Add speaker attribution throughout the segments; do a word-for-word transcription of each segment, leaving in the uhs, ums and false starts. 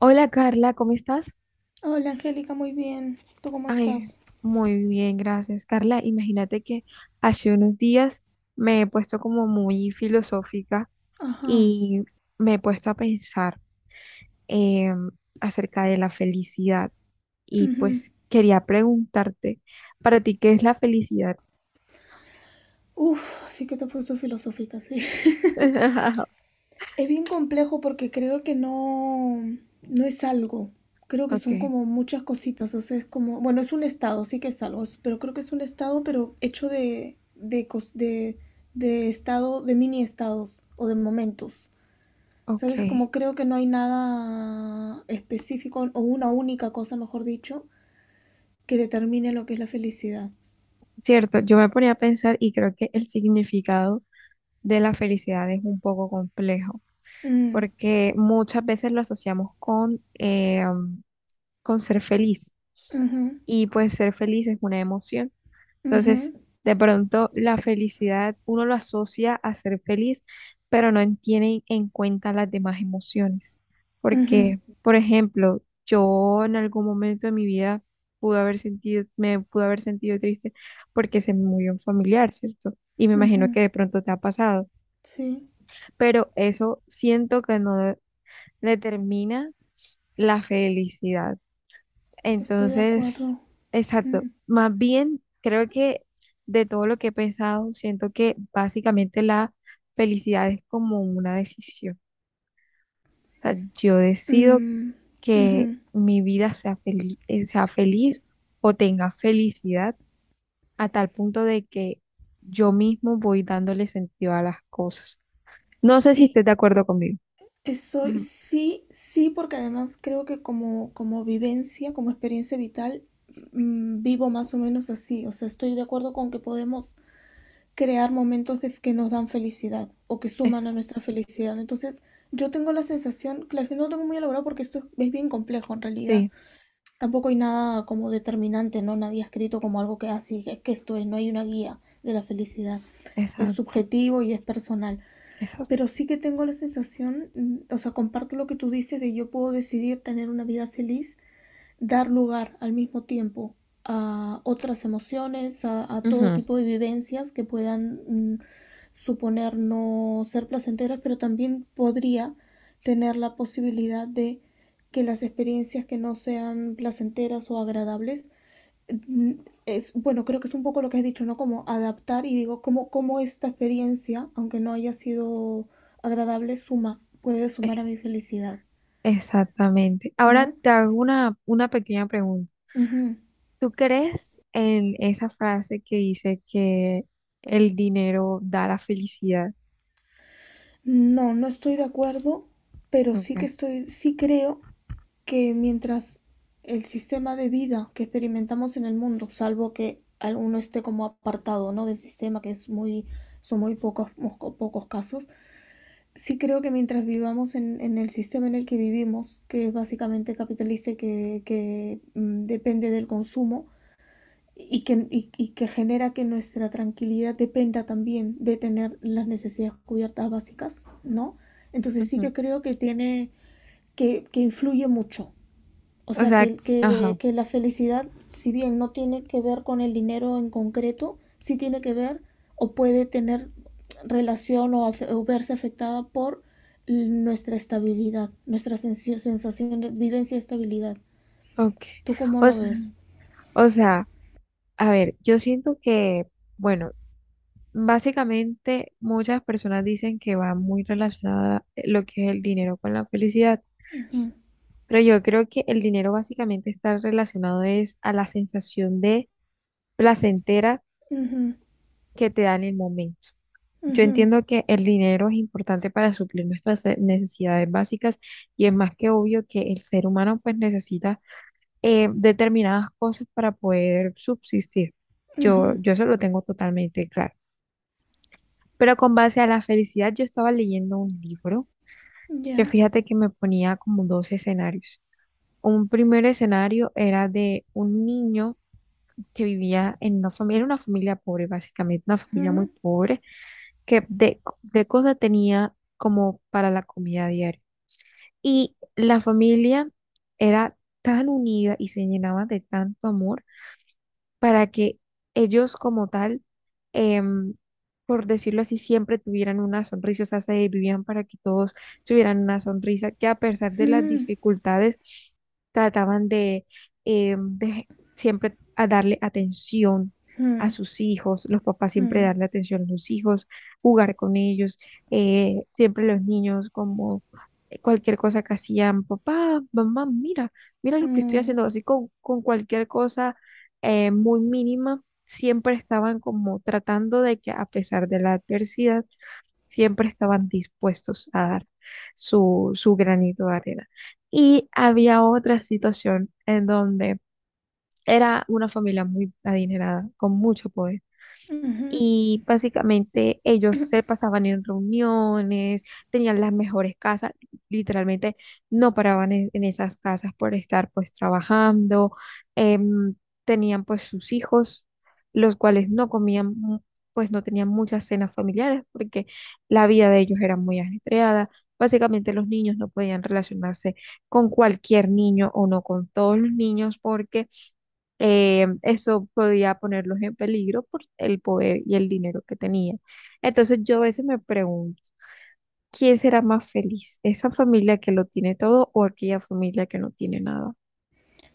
Speaker 1: Hola Carla, ¿cómo estás?
Speaker 2: Hola Angélica, muy bien. ¿Tú cómo
Speaker 1: Ay,
Speaker 2: estás?
Speaker 1: muy bien, gracias. Carla, imagínate que hace unos días me he puesto como muy filosófica
Speaker 2: Ajá.
Speaker 1: y me he puesto a pensar em, acerca de la felicidad y
Speaker 2: Ujú.
Speaker 1: pues quería preguntarte, para ti, ¿qué es la felicidad?
Speaker 2: Uf, sí que te he puesto filosófica, sí. Es bien complejo porque creo que no, no es algo. Creo que
Speaker 1: Ok,
Speaker 2: son como muchas cositas. O sea, es como, bueno, es un estado, sí que es algo, es- pero creo que es un estado, pero hecho de, de, cos- de, de estado, de mini estados o de momentos.
Speaker 1: ok.
Speaker 2: ¿Sabes? Como creo que no hay nada específico o una única cosa, mejor dicho, que determine lo que es la felicidad.
Speaker 1: Cierto, yo me ponía a pensar y creo que el significado de la felicidad es un poco complejo,
Speaker 2: Mm,
Speaker 1: porque muchas veces lo asociamos con, eh, um, con ser feliz,
Speaker 2: Ujú,
Speaker 1: y pues ser feliz es una emoción. Entonces,
Speaker 2: ujú,
Speaker 1: de pronto la felicidad uno lo asocia a ser feliz, pero no tiene en cuenta las demás emociones,
Speaker 2: ujú,
Speaker 1: porque, por ejemplo, yo en algún momento de mi vida pude haber sentido, me pude haber sentido triste porque se me murió un familiar, ¿cierto? Y me imagino
Speaker 2: ujú.
Speaker 1: que de pronto te ha pasado,
Speaker 2: Sí,
Speaker 1: pero eso siento que no determina la felicidad.
Speaker 2: estoy de
Speaker 1: Entonces,
Speaker 2: acuerdo.
Speaker 1: exacto.
Speaker 2: Mm,
Speaker 1: Más bien, creo que de todo lo que he pensado, siento que básicamente la felicidad es como una decisión. O sea, yo decido
Speaker 2: mm, ujú.
Speaker 1: que mi vida sea feliz, sea feliz o tenga felicidad a tal punto de que yo mismo voy dándole sentido a las cosas. No sé si
Speaker 2: Y
Speaker 1: estés de acuerdo conmigo.
Speaker 2: estoy,
Speaker 1: Ujú,
Speaker 2: sí, sí, porque además creo que como, como vivencia, como experiencia vital, mm, vivo más o menos así. O sea, estoy de acuerdo con que podemos crear momentos de- que nos dan felicidad o que suman
Speaker 1: exa-
Speaker 2: a nuestra felicidad. Entonces, yo tengo la sensación, claro, que no lo tengo muy elaborado porque esto es es bien complejo en realidad.
Speaker 1: sí,
Speaker 2: Tampoco hay nada como determinante, ¿no? Nadie ha escrito como algo que así, es que esto es, no hay una guía de la felicidad. Es
Speaker 1: exacto,
Speaker 2: subjetivo y es personal.
Speaker 1: exacto.
Speaker 2: Pero sí que tengo la sensación, mm, o sea, comparto lo que tú dices de yo puedo decidir tener una vida feliz, dar lugar al mismo tiempo a otras emociones, a, a todo
Speaker 1: Ujú,
Speaker 2: tipo de vivencias que puedan mm, suponer no ser placenteras, pero también podría tener la posibilidad de que las experiencias que no sean placenteras o agradables, mm, es, bueno, creo que es un poco lo que has dicho, ¿no? Como adaptar y digo, ¿cómo, ¿cómo esta experiencia, aunque no haya sido agradable, suma, puede sumar a mi felicidad,
Speaker 1: exactamente. Ahora
Speaker 2: ¿no?
Speaker 1: te hago una, una pequeña pregunta.
Speaker 2: Uh -huh.
Speaker 1: ¿Tú crees en esa frase que dice que el dinero da la felicidad?
Speaker 2: No, no estoy de acuerdo, pero sí que
Speaker 1: Okay.
Speaker 2: estoy, sí creo que mientras el sistema de vida que experimentamos en el mundo, salvo que alguno esté como apartado, ¿no? Del sistema, que es muy, son muy pocos, pocos casos, sí creo que mientras vivamos en, en el sistema en el que vivimos, que es básicamente capitalista que, que, mm, depende del consumo, y que, y- y que genera que nuestra tranquilidad dependa también de tener las necesidades cubiertas básicas, ¿no? Entonces sí
Speaker 1: Ujú.
Speaker 2: que creo que tiene, que, que influye mucho, o
Speaker 1: O
Speaker 2: sea,
Speaker 1: sea,
Speaker 2: que, que,
Speaker 1: ajá,
Speaker 2: que la felicidad, si bien no tiene que ver con el dinero en concreto, sí tiene que ver o puede tener relación o, afe- o verse afectada por l- nuestra estabilidad, nuestra sensi- sensación de vivencia y estabilidad.
Speaker 1: ok.
Speaker 2: ¿Tú cómo
Speaker 1: O
Speaker 2: lo
Speaker 1: sea,
Speaker 2: ves?
Speaker 1: o sea, a ver, yo siento que, bueno, básicamente muchas personas dicen que va muy relacionada eh, lo que es el dinero con la felicidad,
Speaker 2: Ujú,
Speaker 1: pero yo creo que el dinero básicamente está relacionado es a la sensación de placentera
Speaker 2: ujú,
Speaker 1: que te da en el momento. Yo
Speaker 2: ujú,
Speaker 1: entiendo que el dinero es importante para suplir nuestras eh, necesidades básicas, y es más que obvio que el ser humano pues necesita eh, determinadas cosas para poder subsistir. Yo,
Speaker 2: ujú.
Speaker 1: yo eso lo tengo totalmente claro. Pero con base a la felicidad yo estaba leyendo un libro que,
Speaker 2: Ya.
Speaker 1: fíjate, que me ponía como dos escenarios. Un primer escenario era de un niño que vivía en una familia, era una familia pobre básicamente, una familia muy
Speaker 2: Ujú,
Speaker 1: pobre, que de, de cosas tenía como para la comida diaria. Y la familia era tan unida y se llenaba de tanto amor para que ellos como tal, em, por decirlo así, siempre tuvieran una sonrisa, o sea, se vivían para que todos tuvieran una sonrisa, que a pesar de las
Speaker 2: ujú,
Speaker 1: dificultades, trataban de, em, de siempre a darle atención a sus hijos, los papás siempre
Speaker 2: ujú,
Speaker 1: darle atención a sus hijos, jugar con ellos, eh, siempre los niños como eh, cualquier cosa que hacían, papá, mamá, mira, mira lo que estoy
Speaker 2: ujú,
Speaker 1: haciendo, así con, con cualquier cosa eh, muy mínima, siempre estaban como tratando de que a pesar de la adversidad, siempre estaban dispuestos a dar su, su granito de arena. Y había otra situación en donde era una familia muy adinerada, con mucho poder,
Speaker 2: ujú.
Speaker 1: y básicamente ellos se pasaban en reuniones, tenían las mejores casas, literalmente no paraban en, en esas casas por estar pues trabajando. em, Tenían pues sus hijos, los cuales no comían, mu- pues no tenían muchas cenas familiares porque la vida de ellos era muy ajetreada. Básicamente los niños no podían relacionarse con cualquier niño o no con todos los niños porque eh, eso podía ponerlos en peligro por el poder y el dinero que tenía. Entonces yo a veces me pregunto, ¿quién será más feliz? ¿Esa familia que lo tiene todo o aquella familia que no tiene nada?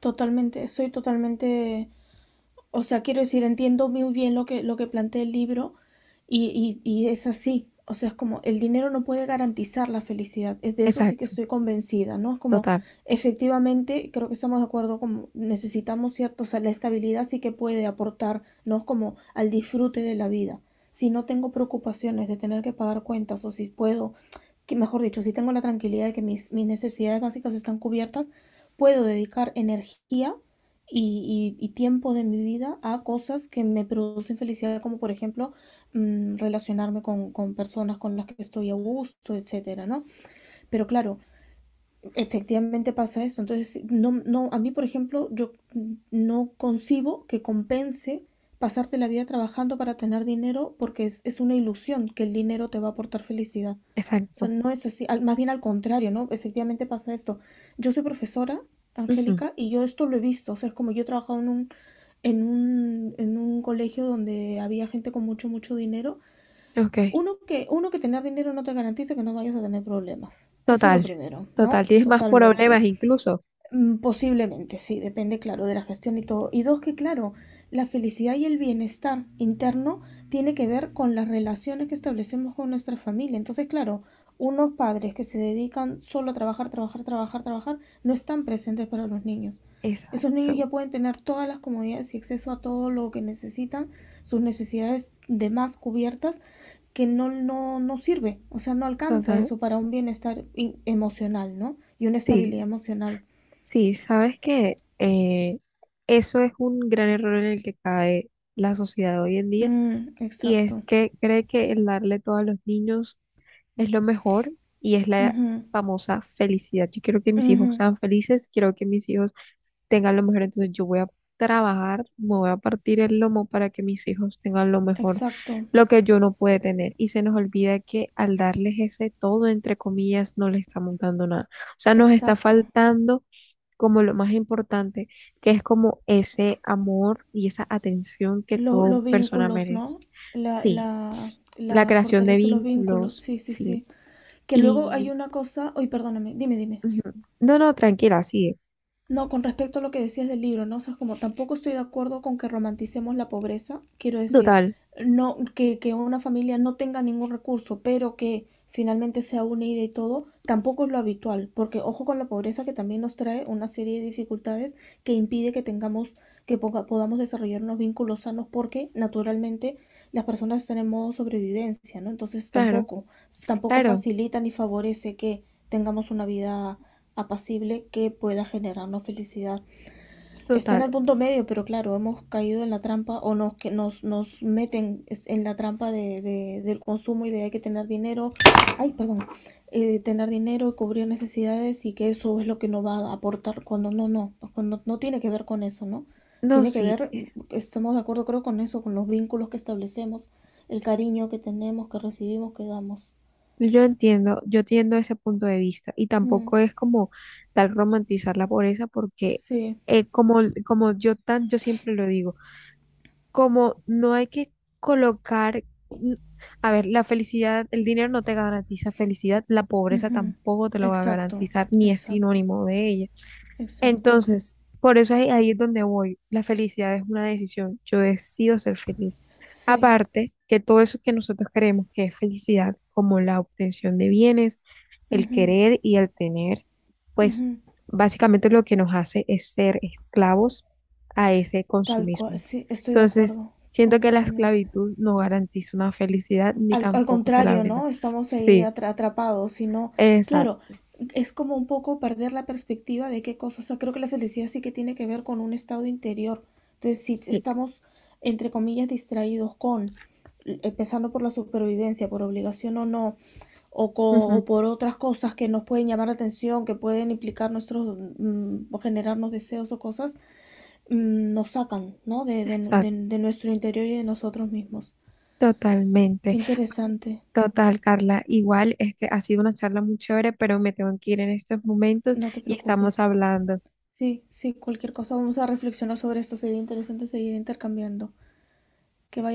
Speaker 2: Totalmente, estoy totalmente. O sea, quiero decir, entiendo muy bien lo que, lo que plantea el libro y, y- y es así. O sea, es como el dinero no puede garantizar la felicidad. Es de eso sí que
Speaker 1: Exacto,
Speaker 2: estoy convencida, ¿no? Es como
Speaker 1: total,
Speaker 2: efectivamente, creo que estamos de acuerdo, como necesitamos cierto, o sea, la estabilidad sí que puede aportar, ¿no? Es como al disfrute de la vida. Si no tengo preocupaciones de tener que pagar cuentas o si puedo, que mejor dicho, si tengo la tranquilidad de que mis, mis necesidades básicas están cubiertas, puedo dedicar energía y, y- y tiempo de mi vida a cosas que me producen felicidad, como por ejemplo mm, relacionarme con, con personas con las que estoy a gusto, etcétera, ¿no? Pero claro, efectivamente pasa eso. Entonces, sí, no, no, a mí, por ejemplo, yo no concibo que compense pasarte la vida trabajando para tener dinero porque es, es una ilusión que el dinero te va a aportar felicidad. O sea,
Speaker 1: exacto.
Speaker 2: no es así, al- más bien al contrario, ¿no? Efectivamente pasa esto. Yo soy profesora,
Speaker 1: Ujú,
Speaker 2: Angélica, y yo esto lo he visto. O sea, es como yo he trabajado en un, en un, en un colegio donde había gente con mucho, mucho dinero.
Speaker 1: ok,
Speaker 2: Uno que, uno que tener dinero no te garantiza que no vayas a tener problemas. Eso es lo
Speaker 1: total,
Speaker 2: primero, ¿no?
Speaker 1: total. Tienes más
Speaker 2: Totalmente.
Speaker 1: problemas incluso.
Speaker 2: Mm, posiblemente, sí, depende, claro, de la gestión y todo. Y dos, que claro, la felicidad y el bienestar interno tiene que ver con las relaciones que establecemos con nuestra familia. Entonces, claro, unos padres que se dedican solo a trabajar, trabajar, trabajar, trabajar, no están presentes para los niños. Esos niños ya
Speaker 1: Exacto,
Speaker 2: pueden tener todas las comodidades y acceso a todo lo que necesitan, sus necesidades de más cubiertas, que no, no, no sirve, o sea, no alcanza
Speaker 1: total.
Speaker 2: eso para un bienestar emocional, ¿no? Y una estabilidad
Speaker 1: Sí,
Speaker 2: emocional.
Speaker 1: sí, sabes que eh, eso es un gran error en el que cae la sociedad hoy en día,
Speaker 2: Mm,
Speaker 1: y es
Speaker 2: exacto.
Speaker 1: que cree que el darle todo a los niños es lo mejor y es la
Speaker 2: Ujú,
Speaker 1: famosa felicidad. Yo quiero que mis hijos
Speaker 2: ujú,
Speaker 1: sean felices, quiero que mis hijos tengan lo mejor, entonces yo voy a trabajar, me voy a partir el lomo para que mis hijos tengan lo mejor,
Speaker 2: exacto,
Speaker 1: lo que yo no pude tener. Y se nos olvida que al darles ese todo, entre comillas, no le estamos dando nada. O sea, nos está
Speaker 2: exacto.
Speaker 1: faltando como lo más importante, que es como ese amor y esa atención que
Speaker 2: Lo-
Speaker 1: toda
Speaker 2: los
Speaker 1: persona
Speaker 2: vínculos,
Speaker 1: merece.
Speaker 2: ¿no? La,
Speaker 1: Sí,
Speaker 2: la,
Speaker 1: la
Speaker 2: la
Speaker 1: creación de
Speaker 2: fortaleza de los vínculos,
Speaker 1: vínculos,
Speaker 2: sí, sí,
Speaker 1: sí.
Speaker 2: sí. Que luego hay
Speaker 1: Y
Speaker 2: una cosa, uy, perdóname, dime, dime.
Speaker 1: ujú. No, no, tranquila, sí.
Speaker 2: No, con respecto a lo que decías del libro, ¿no? O sea, es como tampoco estoy de acuerdo con que romanticemos la pobreza. Quiero decir,
Speaker 1: Total,
Speaker 2: no, que, que una familia no tenga ningún recurso, pero que finalmente sea unida y todo, tampoco es lo habitual, porque ojo con la pobreza que también nos trae una serie de dificultades que impide que tengamos, que poca- podamos desarrollar unos vínculos sanos, porque naturalmente las personas están en modo sobrevivencia, ¿no? Entonces
Speaker 1: claro,
Speaker 2: tampoco, tampoco
Speaker 1: claro,
Speaker 2: facilita ni favorece que tengamos una vida apacible que pueda generarnos felicidad. Está en
Speaker 1: total.
Speaker 2: el punto medio, pero claro, hemos caído en la trampa o nos, que nos, nos meten en la trampa de, de- del consumo y de hay que tener dinero, ay, perdón, eh, tener dinero, cubrir necesidades y que eso es lo que nos va a aportar cuando no, no, cuando no tiene que ver con eso, ¿no?
Speaker 1: No,
Speaker 2: Tiene que
Speaker 1: sí,
Speaker 2: ver, estamos de acuerdo creo con eso, con los vínculos que establecemos, el cariño que tenemos, que recibimos, que damos.
Speaker 1: yo entiendo, yo entiendo ese punto de vista, y
Speaker 2: Mm,
Speaker 1: tampoco es como tal romantizar la pobreza porque
Speaker 2: sí,
Speaker 1: eh, como, como yo tan, yo siempre lo digo, como no hay que colocar, n- a ver, la felicidad, el dinero no te garantiza felicidad, la pobreza
Speaker 2: ujú,
Speaker 1: tampoco te lo va a
Speaker 2: exacto,
Speaker 1: garantizar, ni es
Speaker 2: exacto.
Speaker 1: sinónimo de ella.
Speaker 2: Exacto.
Speaker 1: Entonces, por eso ahí, ahí es donde voy. La felicidad es una decisión. Yo decido ser feliz.
Speaker 2: Sí.
Speaker 1: Aparte, que todo eso que nosotros creemos que es felicidad, como la obtención de bienes, el
Speaker 2: Ujú,
Speaker 1: querer y el tener, pues
Speaker 2: ujú.
Speaker 1: básicamente lo que nos hace es ser esclavos a ese
Speaker 2: Tal cual.
Speaker 1: consumismo.
Speaker 2: Sí, estoy de
Speaker 1: Entonces,
Speaker 2: acuerdo
Speaker 1: siento que la
Speaker 2: completamente.
Speaker 1: esclavitud no garantiza una felicidad ni
Speaker 2: Al, al
Speaker 1: tampoco te la
Speaker 2: contrario,
Speaker 1: brinda.
Speaker 2: ¿no? Estamos ahí
Speaker 1: Sí,
Speaker 2: atra- atrapados, sino, claro,
Speaker 1: exacto.
Speaker 2: es como un poco perder la perspectiva de qué cosas. O sea, creo que la felicidad sí que tiene que ver con un estado interior. Entonces, si
Speaker 1: Sí.
Speaker 2: estamos, entre comillas, distraídos con, eh, empezando por la supervivencia, por obligación o no, o, co-
Speaker 1: Ujú,
Speaker 2: o por otras cosas que nos pueden llamar la atención, que pueden implicar nuestros, mm, o generarnos deseos o cosas mm, nos sacan, ¿no? De, de-
Speaker 1: exacto.
Speaker 2: de- de nuestro interior y de nosotros mismos. Qué
Speaker 1: Totalmente.
Speaker 2: interesante.
Speaker 1: Total, Carla. Igual, este ha sido una charla muy chévere, pero me tengo que ir en estos momentos
Speaker 2: No te
Speaker 1: y estamos
Speaker 2: preocupes.
Speaker 1: hablando.
Speaker 2: Sí, sí, cualquier cosa vamos a reflexionar sobre esto. Sería interesante seguir intercambiando. Que vaya